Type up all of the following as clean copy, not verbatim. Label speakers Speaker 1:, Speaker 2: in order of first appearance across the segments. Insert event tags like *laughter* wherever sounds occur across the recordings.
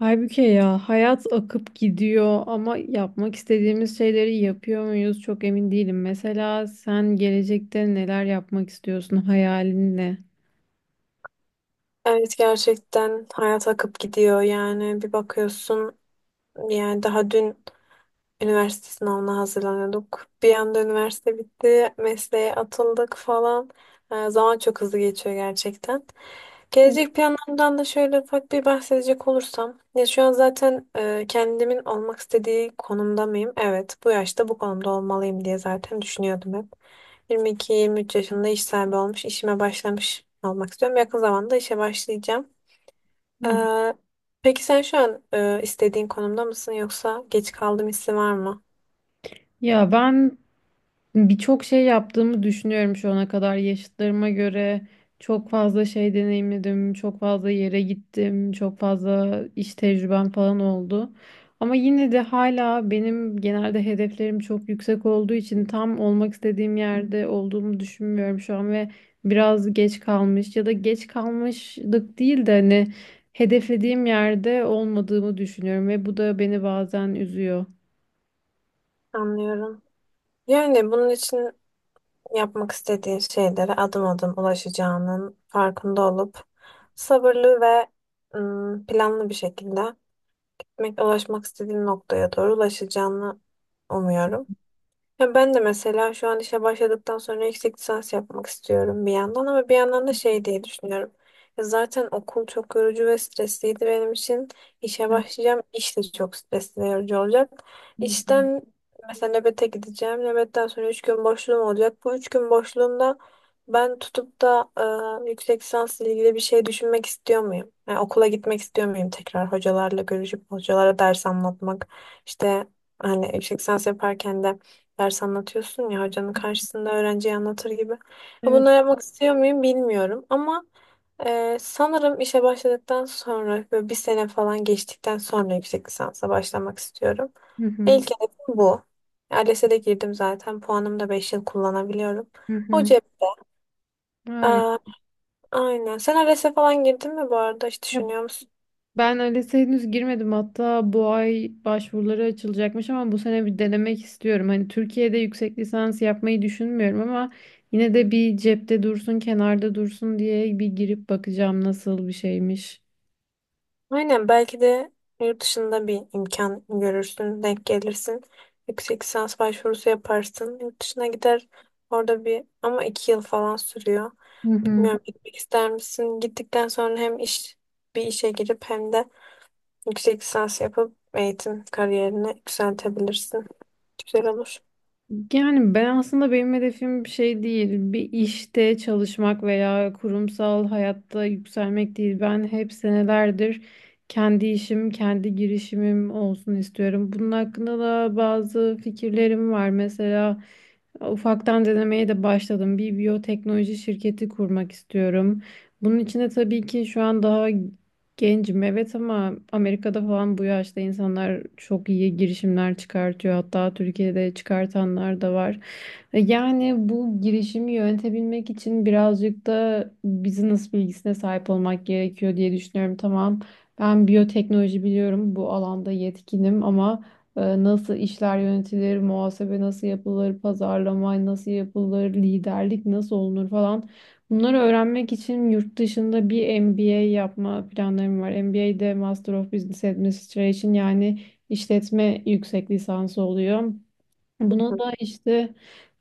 Speaker 1: Halbuki ya hayat akıp gidiyor ama yapmak istediğimiz şeyleri yapıyor muyuz çok emin değilim. Mesela sen gelecekte neler yapmak istiyorsun? Hayalin ne?
Speaker 2: Evet gerçekten hayat akıp gidiyor yani bir bakıyorsun yani daha dün üniversite sınavına hazırlanıyorduk. Bir anda üniversite bitti, mesleğe atıldık falan. Zaman çok hızlı geçiyor gerçekten. Gelecek planlarımdan da şöyle ufak bir bahsedecek olursam. Ya şu an zaten kendimin olmak istediği konumda mıyım? Evet bu yaşta bu konumda olmalıyım diye zaten düşünüyordum hep. 22-23 yaşında iş sahibi olmuş, işime başlamış olmak istiyorum. Yakın zamanda işe başlayacağım.
Speaker 1: Hı.
Speaker 2: Ee, peki sen şu an istediğin konumda mısın yoksa geç kaldım hissi var mı?
Speaker 1: Ya ben Birçok şey yaptığımı düşünüyorum şu ana kadar yaşıtlarıma göre. Çok fazla şey deneyimledim, çok fazla yere gittim, çok fazla iş tecrübem falan oldu. Ama yine de hala benim genelde hedeflerim çok yüksek olduğu için tam olmak istediğim yerde olduğumu düşünmüyorum şu an ve biraz geç kalmış ya da geç kalmışlık değil de hani hedeflediğim yerde olmadığımı düşünüyorum ve bu da beni bazen üzüyor.
Speaker 2: Anlıyorum. Yani bunun için yapmak istediğin şeylere adım adım ulaşacağının farkında olup sabırlı ve planlı bir şekilde ulaşmak istediğin noktaya doğru ulaşacağını umuyorum. Ya ben de mesela şu an işe başladıktan sonra yüksek lisans yapmak istiyorum bir yandan ama bir yandan da şey diye düşünüyorum. Ya zaten okul çok yorucu ve stresliydi benim için. İşe
Speaker 1: Evet.
Speaker 2: başlayacağım. İş de çok stresli ve yorucu olacak. İşten mesela nöbete gideceğim. Nöbetten sonra 3 gün boşluğum olacak. Bu 3 gün boşluğumda ben tutup da yüksek lisansla ilgili bir şey düşünmek istiyor muyum? Yani okula gitmek istiyor muyum tekrar hocalarla görüşüp hocalara ders anlatmak? İşte hani yüksek lisans yaparken de ders anlatıyorsun ya hocanın karşısında öğrenciye anlatır gibi. Ya
Speaker 1: Evet.
Speaker 2: bunları yapmak istiyor muyum bilmiyorum ama sanırım işe başladıktan sonra böyle bir sene falan geçtikten sonra yüksek lisansa başlamak istiyorum.
Speaker 1: Hı. Hı hı.
Speaker 2: İlk hedefim bu. ALES'e de girdim zaten. Puanımı da 5 yıl kullanabiliyorum.
Speaker 1: Hı
Speaker 2: O
Speaker 1: hı.
Speaker 2: cepte.
Speaker 1: Harika.
Speaker 2: Aa, aynen. Sen ALES'e falan girdin mi bu arada? Hiç
Speaker 1: Ya
Speaker 2: düşünüyor musun?
Speaker 1: ben ALES'e henüz girmedim, hatta bu ay başvuruları açılacakmış ama bu sene bir denemek istiyorum. Hani Türkiye'de yüksek lisans yapmayı düşünmüyorum ama yine de bir cepte dursun, kenarda dursun diye bir girip bakacağım nasıl bir şeymiş.
Speaker 2: Aynen, belki de yurt dışında bir imkan görürsün, denk gelirsin. Yüksek lisans başvurusu yaparsın. Yurt dışına gider, orada bir ama iki yıl falan sürüyor.
Speaker 1: Hı hı.
Speaker 2: Bilmiyorum, gitmek ister misin? Gittikten sonra hem iş bir işe girip hem de yüksek lisans yapıp eğitim kariyerini yükseltebilirsin. Güzel olur.
Speaker 1: Yani ben aslında benim hedefim bir şey değil. Bir işte çalışmak veya kurumsal hayatta yükselmek değil. Ben hep senelerdir kendi işim, kendi girişimim olsun istiyorum. Bunun hakkında da bazı fikirlerim var. Mesela ufaktan denemeye de başladım. Bir biyoteknoloji şirketi kurmak istiyorum. Bunun için de tabii ki şu an daha gencim, evet, ama Amerika'da falan bu yaşta insanlar çok iyi girişimler çıkartıyor. Hatta Türkiye'de çıkartanlar da var. Yani bu girişimi yönetebilmek için birazcık da business bilgisine sahip olmak gerekiyor diye düşünüyorum. Tamam, ben biyoteknoloji biliyorum, bu alanda yetkinim ama nasıl işler yönetilir, muhasebe nasıl yapılır, pazarlama nasıl yapılır, liderlik nasıl olunur falan. Bunları öğrenmek için yurt dışında bir MBA yapma planlarım var. MBA'de Master of Business Administration, yani işletme yüksek lisansı oluyor. Buna da işte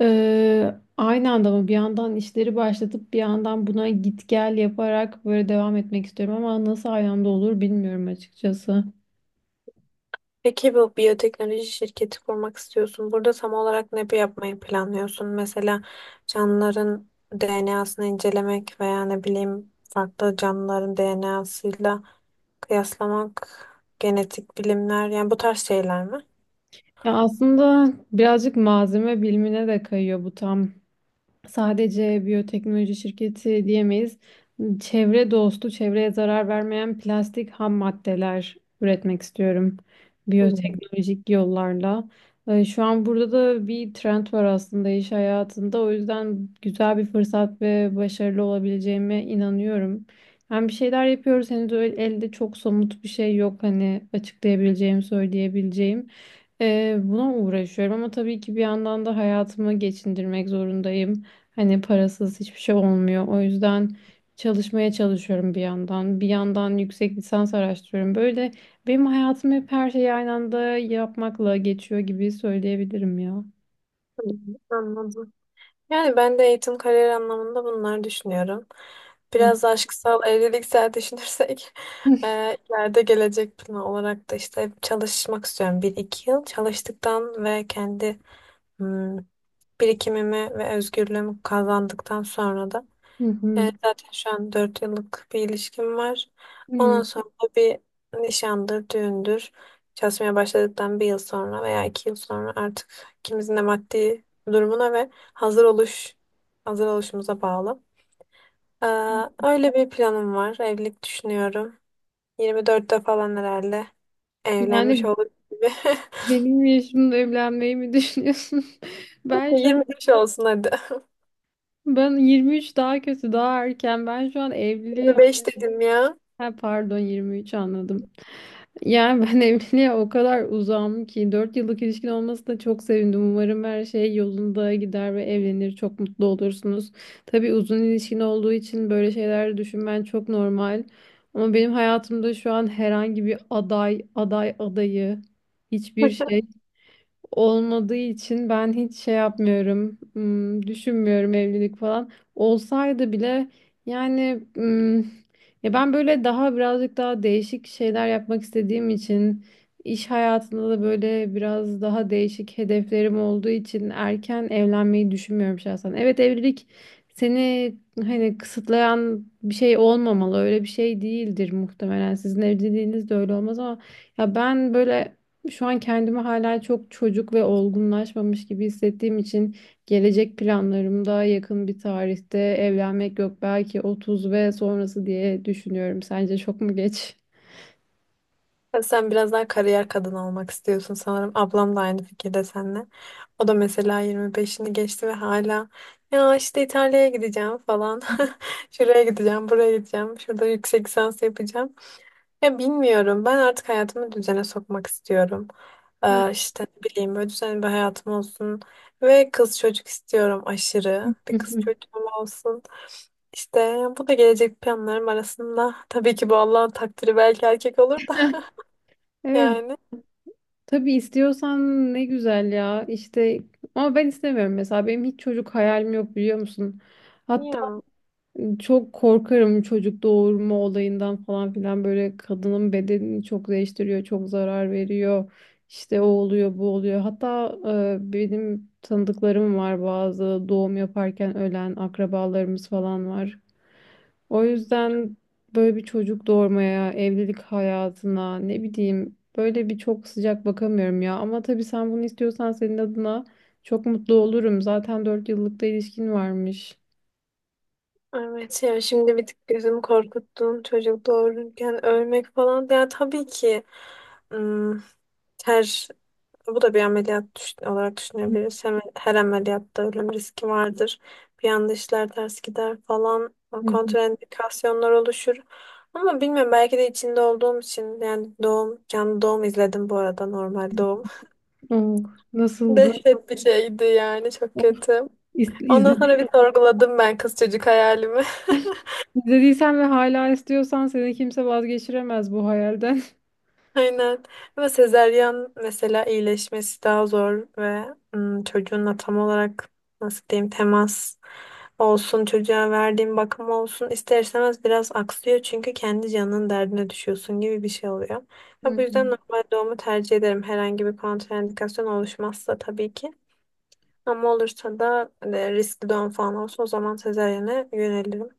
Speaker 1: aynı anda mı bir yandan işleri başlatıp bir yandan buna git gel yaparak böyle devam etmek istiyorum ama nasıl aynı anda olur bilmiyorum açıkçası.
Speaker 2: Peki bu biyoteknoloji şirketi kurmak istiyorsun. Burada tam olarak ne yapmayı planlıyorsun? Mesela canlıların DNA'sını incelemek veya ne bileyim farklı canlıların DNA'sıyla kıyaslamak, genetik bilimler yani bu tarz şeyler mi?
Speaker 1: Ya aslında birazcık malzeme bilimine de kayıyor, bu tam sadece biyoteknoloji şirketi diyemeyiz. Çevre dostu, çevreye zarar vermeyen plastik ham maddeler üretmek istiyorum
Speaker 2: Hmm.
Speaker 1: biyoteknolojik yollarla. Şu an burada da bir trend var aslında iş hayatında. O yüzden güzel bir fırsat ve başarılı olabileceğime inanıyorum. Hem bir şeyler yapıyoruz, henüz öyle elde çok somut bir şey yok hani açıklayabileceğim, söyleyebileceğim. Buna uğraşıyorum ama tabii ki bir yandan da hayatımı geçindirmek zorundayım. Hani parasız hiçbir şey olmuyor. O yüzden çalışmaya çalışıyorum bir yandan. Bir yandan yüksek lisans araştırıyorum. Böyle benim hayatım hep her şeyi aynı anda yapmakla geçiyor gibi söyleyebilirim ya.
Speaker 2: Hı, anladım. Yani ben de eğitim kariyer anlamında bunlar düşünüyorum. Biraz da aşksal evliliksel düşünürsek *laughs*
Speaker 1: *laughs*
Speaker 2: ileride gelecek planı olarak da işte çalışmak istiyorum. Bir iki yıl çalıştıktan ve kendi hmm, birikimimi ve özgürlüğümü kazandıktan sonra da
Speaker 1: Hı hı.
Speaker 2: zaten şu an 4 yıllık bir ilişkim var. Ondan
Speaker 1: Hı.
Speaker 2: sonra bir nişandır, düğündür. Çalışmaya başladıktan bir yıl sonra veya iki yıl sonra artık ikimizin de maddi durumuna ve hazır oluşumuza bağlı. Ee,
Speaker 1: Hı.
Speaker 2: Öyle bir planım var. Evlilik düşünüyorum. 24'te falan herhalde evlenmiş
Speaker 1: Yani
Speaker 2: olur gibi.
Speaker 1: benim yaşımda evlenmeyi mi düşünüyorsun? *laughs* Ben
Speaker 2: *laughs*
Speaker 1: şu an
Speaker 2: 25 olsun hadi.
Speaker 1: ben 23, daha kötü, daha erken. Ben şu an evliliğe...
Speaker 2: 25 dedim ya.
Speaker 1: Ha, pardon, 23 anladım. Yani ben *laughs* evliliğe o kadar uzağım ki 4 yıllık ilişkin olmasına çok sevindim. Umarım her şey yolunda gider ve evlenir. Çok mutlu olursunuz. Tabii uzun ilişkin olduğu için böyle şeyler düşünmen çok normal. Ama benim hayatımda şu an herhangi bir aday, aday adayı, hiçbir şey olmadığı için ben hiç şey yapmıyorum, düşünmüyorum evlilik falan. Olsaydı bile, yani, ya ben böyle daha birazcık daha değişik şeyler yapmak istediğim için iş hayatında da böyle biraz daha değişik hedeflerim olduğu için erken evlenmeyi düşünmüyorum şahsen. Evet, evlilik seni hani kısıtlayan bir şey olmamalı. Öyle bir şey değildir muhtemelen. Sizin evliliğiniz de öyle olmaz ama ya ben böyle şu an kendimi hala çok çocuk ve olgunlaşmamış gibi hissettiğim için gelecek planlarımda yakın bir tarihte evlenmek yok, belki 30 ve sonrası diye düşünüyorum. Sence çok mu geç?
Speaker 2: Ya sen biraz daha kariyer kadını olmak istiyorsun sanırım. Ablam da aynı fikirde seninle. O da mesela 25'ini geçti ve hala ya işte İtalya'ya gideceğim falan. *laughs* Şuraya gideceğim, buraya gideceğim. Şurada yüksek lisans yapacağım. Ya bilmiyorum. Ben artık hayatımı düzene sokmak istiyorum.
Speaker 1: Hı.
Speaker 2: İşte ne bileyim böyle düzenli bir hayatım olsun. Ve kız çocuk istiyorum aşırı.
Speaker 1: *laughs*
Speaker 2: Bir kız çocuğum olsun. İşte bu da gelecek planlarım arasında. Tabii ki bu Allah'ın takdiri, belki erkek olur da. *laughs*
Speaker 1: Evet,
Speaker 2: Yani
Speaker 1: tabii istiyorsan ne güzel ya. İşte ama ben istemiyorum mesela, benim hiç çocuk hayalim yok, biliyor musun?
Speaker 2: ya
Speaker 1: Çok korkarım çocuk doğurma olayından falan filan, böyle kadının bedenini çok değiştiriyor, çok zarar veriyor. İşte o oluyor, bu oluyor. Hatta benim tanıdıklarım var, bazı doğum yaparken ölen akrabalarımız falan var. O yüzden böyle bir çocuk doğurmaya, evlilik hayatına ne bileyim böyle bir çok sıcak bakamıyorum ya. Ama tabii sen bunu istiyorsan senin adına çok mutlu olurum. Zaten 4 yıllık da ilişkin varmış.
Speaker 2: evet, ya şimdi bir tık gözümü korkuttun, çocuk doğururken ölmek falan. Ya tabii ki ım, her bu da bir ameliyat olarak düşünebiliriz. Hem, her ameliyatta ölüm riski vardır. Bir anda işler ters gider falan,
Speaker 1: Hı hı.
Speaker 2: kontraindikasyonlar oluşur. Ama bilmiyorum, belki de içinde olduğum için. Yani doğum, canlı doğum izledim bu arada, normal doğum.
Speaker 1: Oh,
Speaker 2: *laughs*
Speaker 1: nasıldı?
Speaker 2: Dehşet bir şeydi yani, çok kötü.
Speaker 1: İz-
Speaker 2: Ondan sonra
Speaker 1: İzledi,
Speaker 2: bir sorguladım ben kız çocuk hayalimi.
Speaker 1: izlediysen ve hala istiyorsan seni kimse vazgeçiremez bu hayalden.
Speaker 2: Aynen. Ama sezeryan mesela iyileşmesi daha zor ve çocuğunla tam olarak nasıl diyeyim, temas olsun, çocuğa verdiğin bakım olsun ister istemez biraz aksıyor çünkü kendi canının derdine düşüyorsun gibi bir şey oluyor.
Speaker 1: *laughs* Hı
Speaker 2: Ya bu yüzden
Speaker 1: hı,
Speaker 2: normal doğumu tercih ederim. Herhangi bir kontraindikasyon oluşmazsa tabii ki. Ama olursa da riskli doğum falan olsa o zaman sezaryene yönelirim.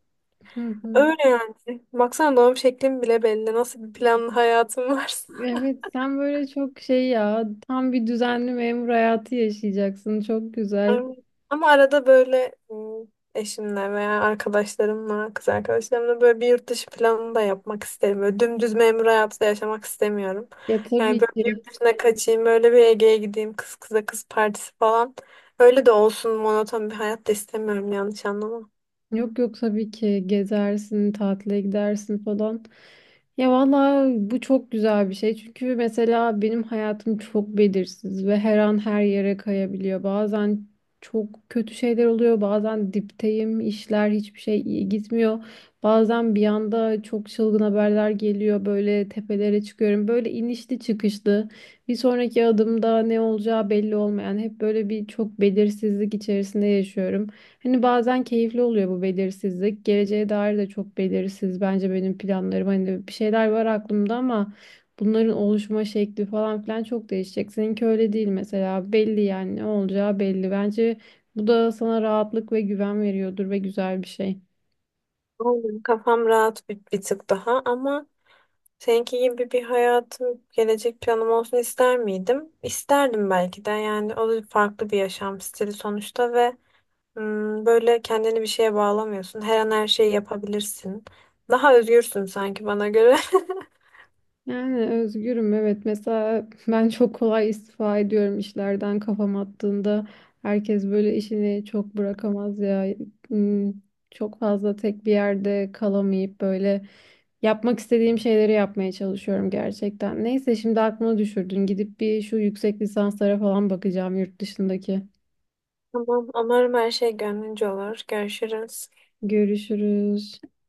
Speaker 1: hı hı.
Speaker 2: Öyle yani. Baksana, doğum şeklim bile belli. Nasıl bir planlı hayatım varsa.
Speaker 1: Evet, sen böyle çok şey ya, tam bir düzenli memur hayatı yaşayacaksın. Çok güzel.
Speaker 2: Ama ama arada böyle eşimle veya arkadaşlarımla, kız arkadaşlarımla böyle bir yurt dışı planı da yapmak isterim. Böyle dümdüz memur hayatı da yaşamak istemiyorum.
Speaker 1: Ya
Speaker 2: Yani
Speaker 1: tabii
Speaker 2: böyle bir
Speaker 1: ki.
Speaker 2: yurt dışına kaçayım, böyle bir Ege'ye gideyim, kız kıza kız partisi falan. Öyle de olsun, monoton bir hayat da istemiyorum, yanlış anlama.
Speaker 1: Yok yok, tabii ki gezersin, tatile gidersin falan. Ya valla bu çok güzel bir şey. Çünkü mesela benim hayatım çok belirsiz ve her an her yere kayabiliyor. Bazen çok kötü şeyler oluyor. Bazen dipteyim, işler hiçbir şey iyi gitmiyor. Bazen bir anda çok çılgın haberler geliyor. Böyle tepelere çıkıyorum. Böyle inişli çıkışlı. Bir sonraki adımda ne olacağı belli olmayan hep böyle bir çok belirsizlik içerisinde yaşıyorum. Hani bazen keyifli oluyor bu belirsizlik. Geleceğe dair de çok belirsiz. Bence benim planlarım hani bir şeyler var aklımda ama bunların oluşma şekli falan filan çok değişecek. Seninki öyle değil mesela. Belli, yani ne olacağı belli. Bence bu da sana rahatlık ve güven veriyordur ve güzel bir şey.
Speaker 2: Aynen. Kafam rahat bir tık daha, ama seninki gibi bir hayatım, gelecek planım olsun ister miydim? İsterdim belki de. Yani o da farklı bir yaşam stili sonuçta ve böyle kendini bir şeye bağlamıyorsun. Her an her şeyi yapabilirsin. Daha özgürsün sanki bana göre. *laughs*
Speaker 1: Yani özgürüm, evet, mesela *laughs* ben çok kolay istifa ediyorum işlerden kafam attığında, herkes böyle işini çok bırakamaz ya. Hmm, çok fazla tek bir yerde kalamayıp böyle yapmak istediğim şeyleri yapmaya çalışıyorum gerçekten. Neyse şimdi aklıma düşürdün, gidip bir şu yüksek lisanslara falan bakacağım yurt dışındaki.
Speaker 2: Tamam, umarım her şey gönlünce olur. Görüşürüz.
Speaker 1: Görüşürüz.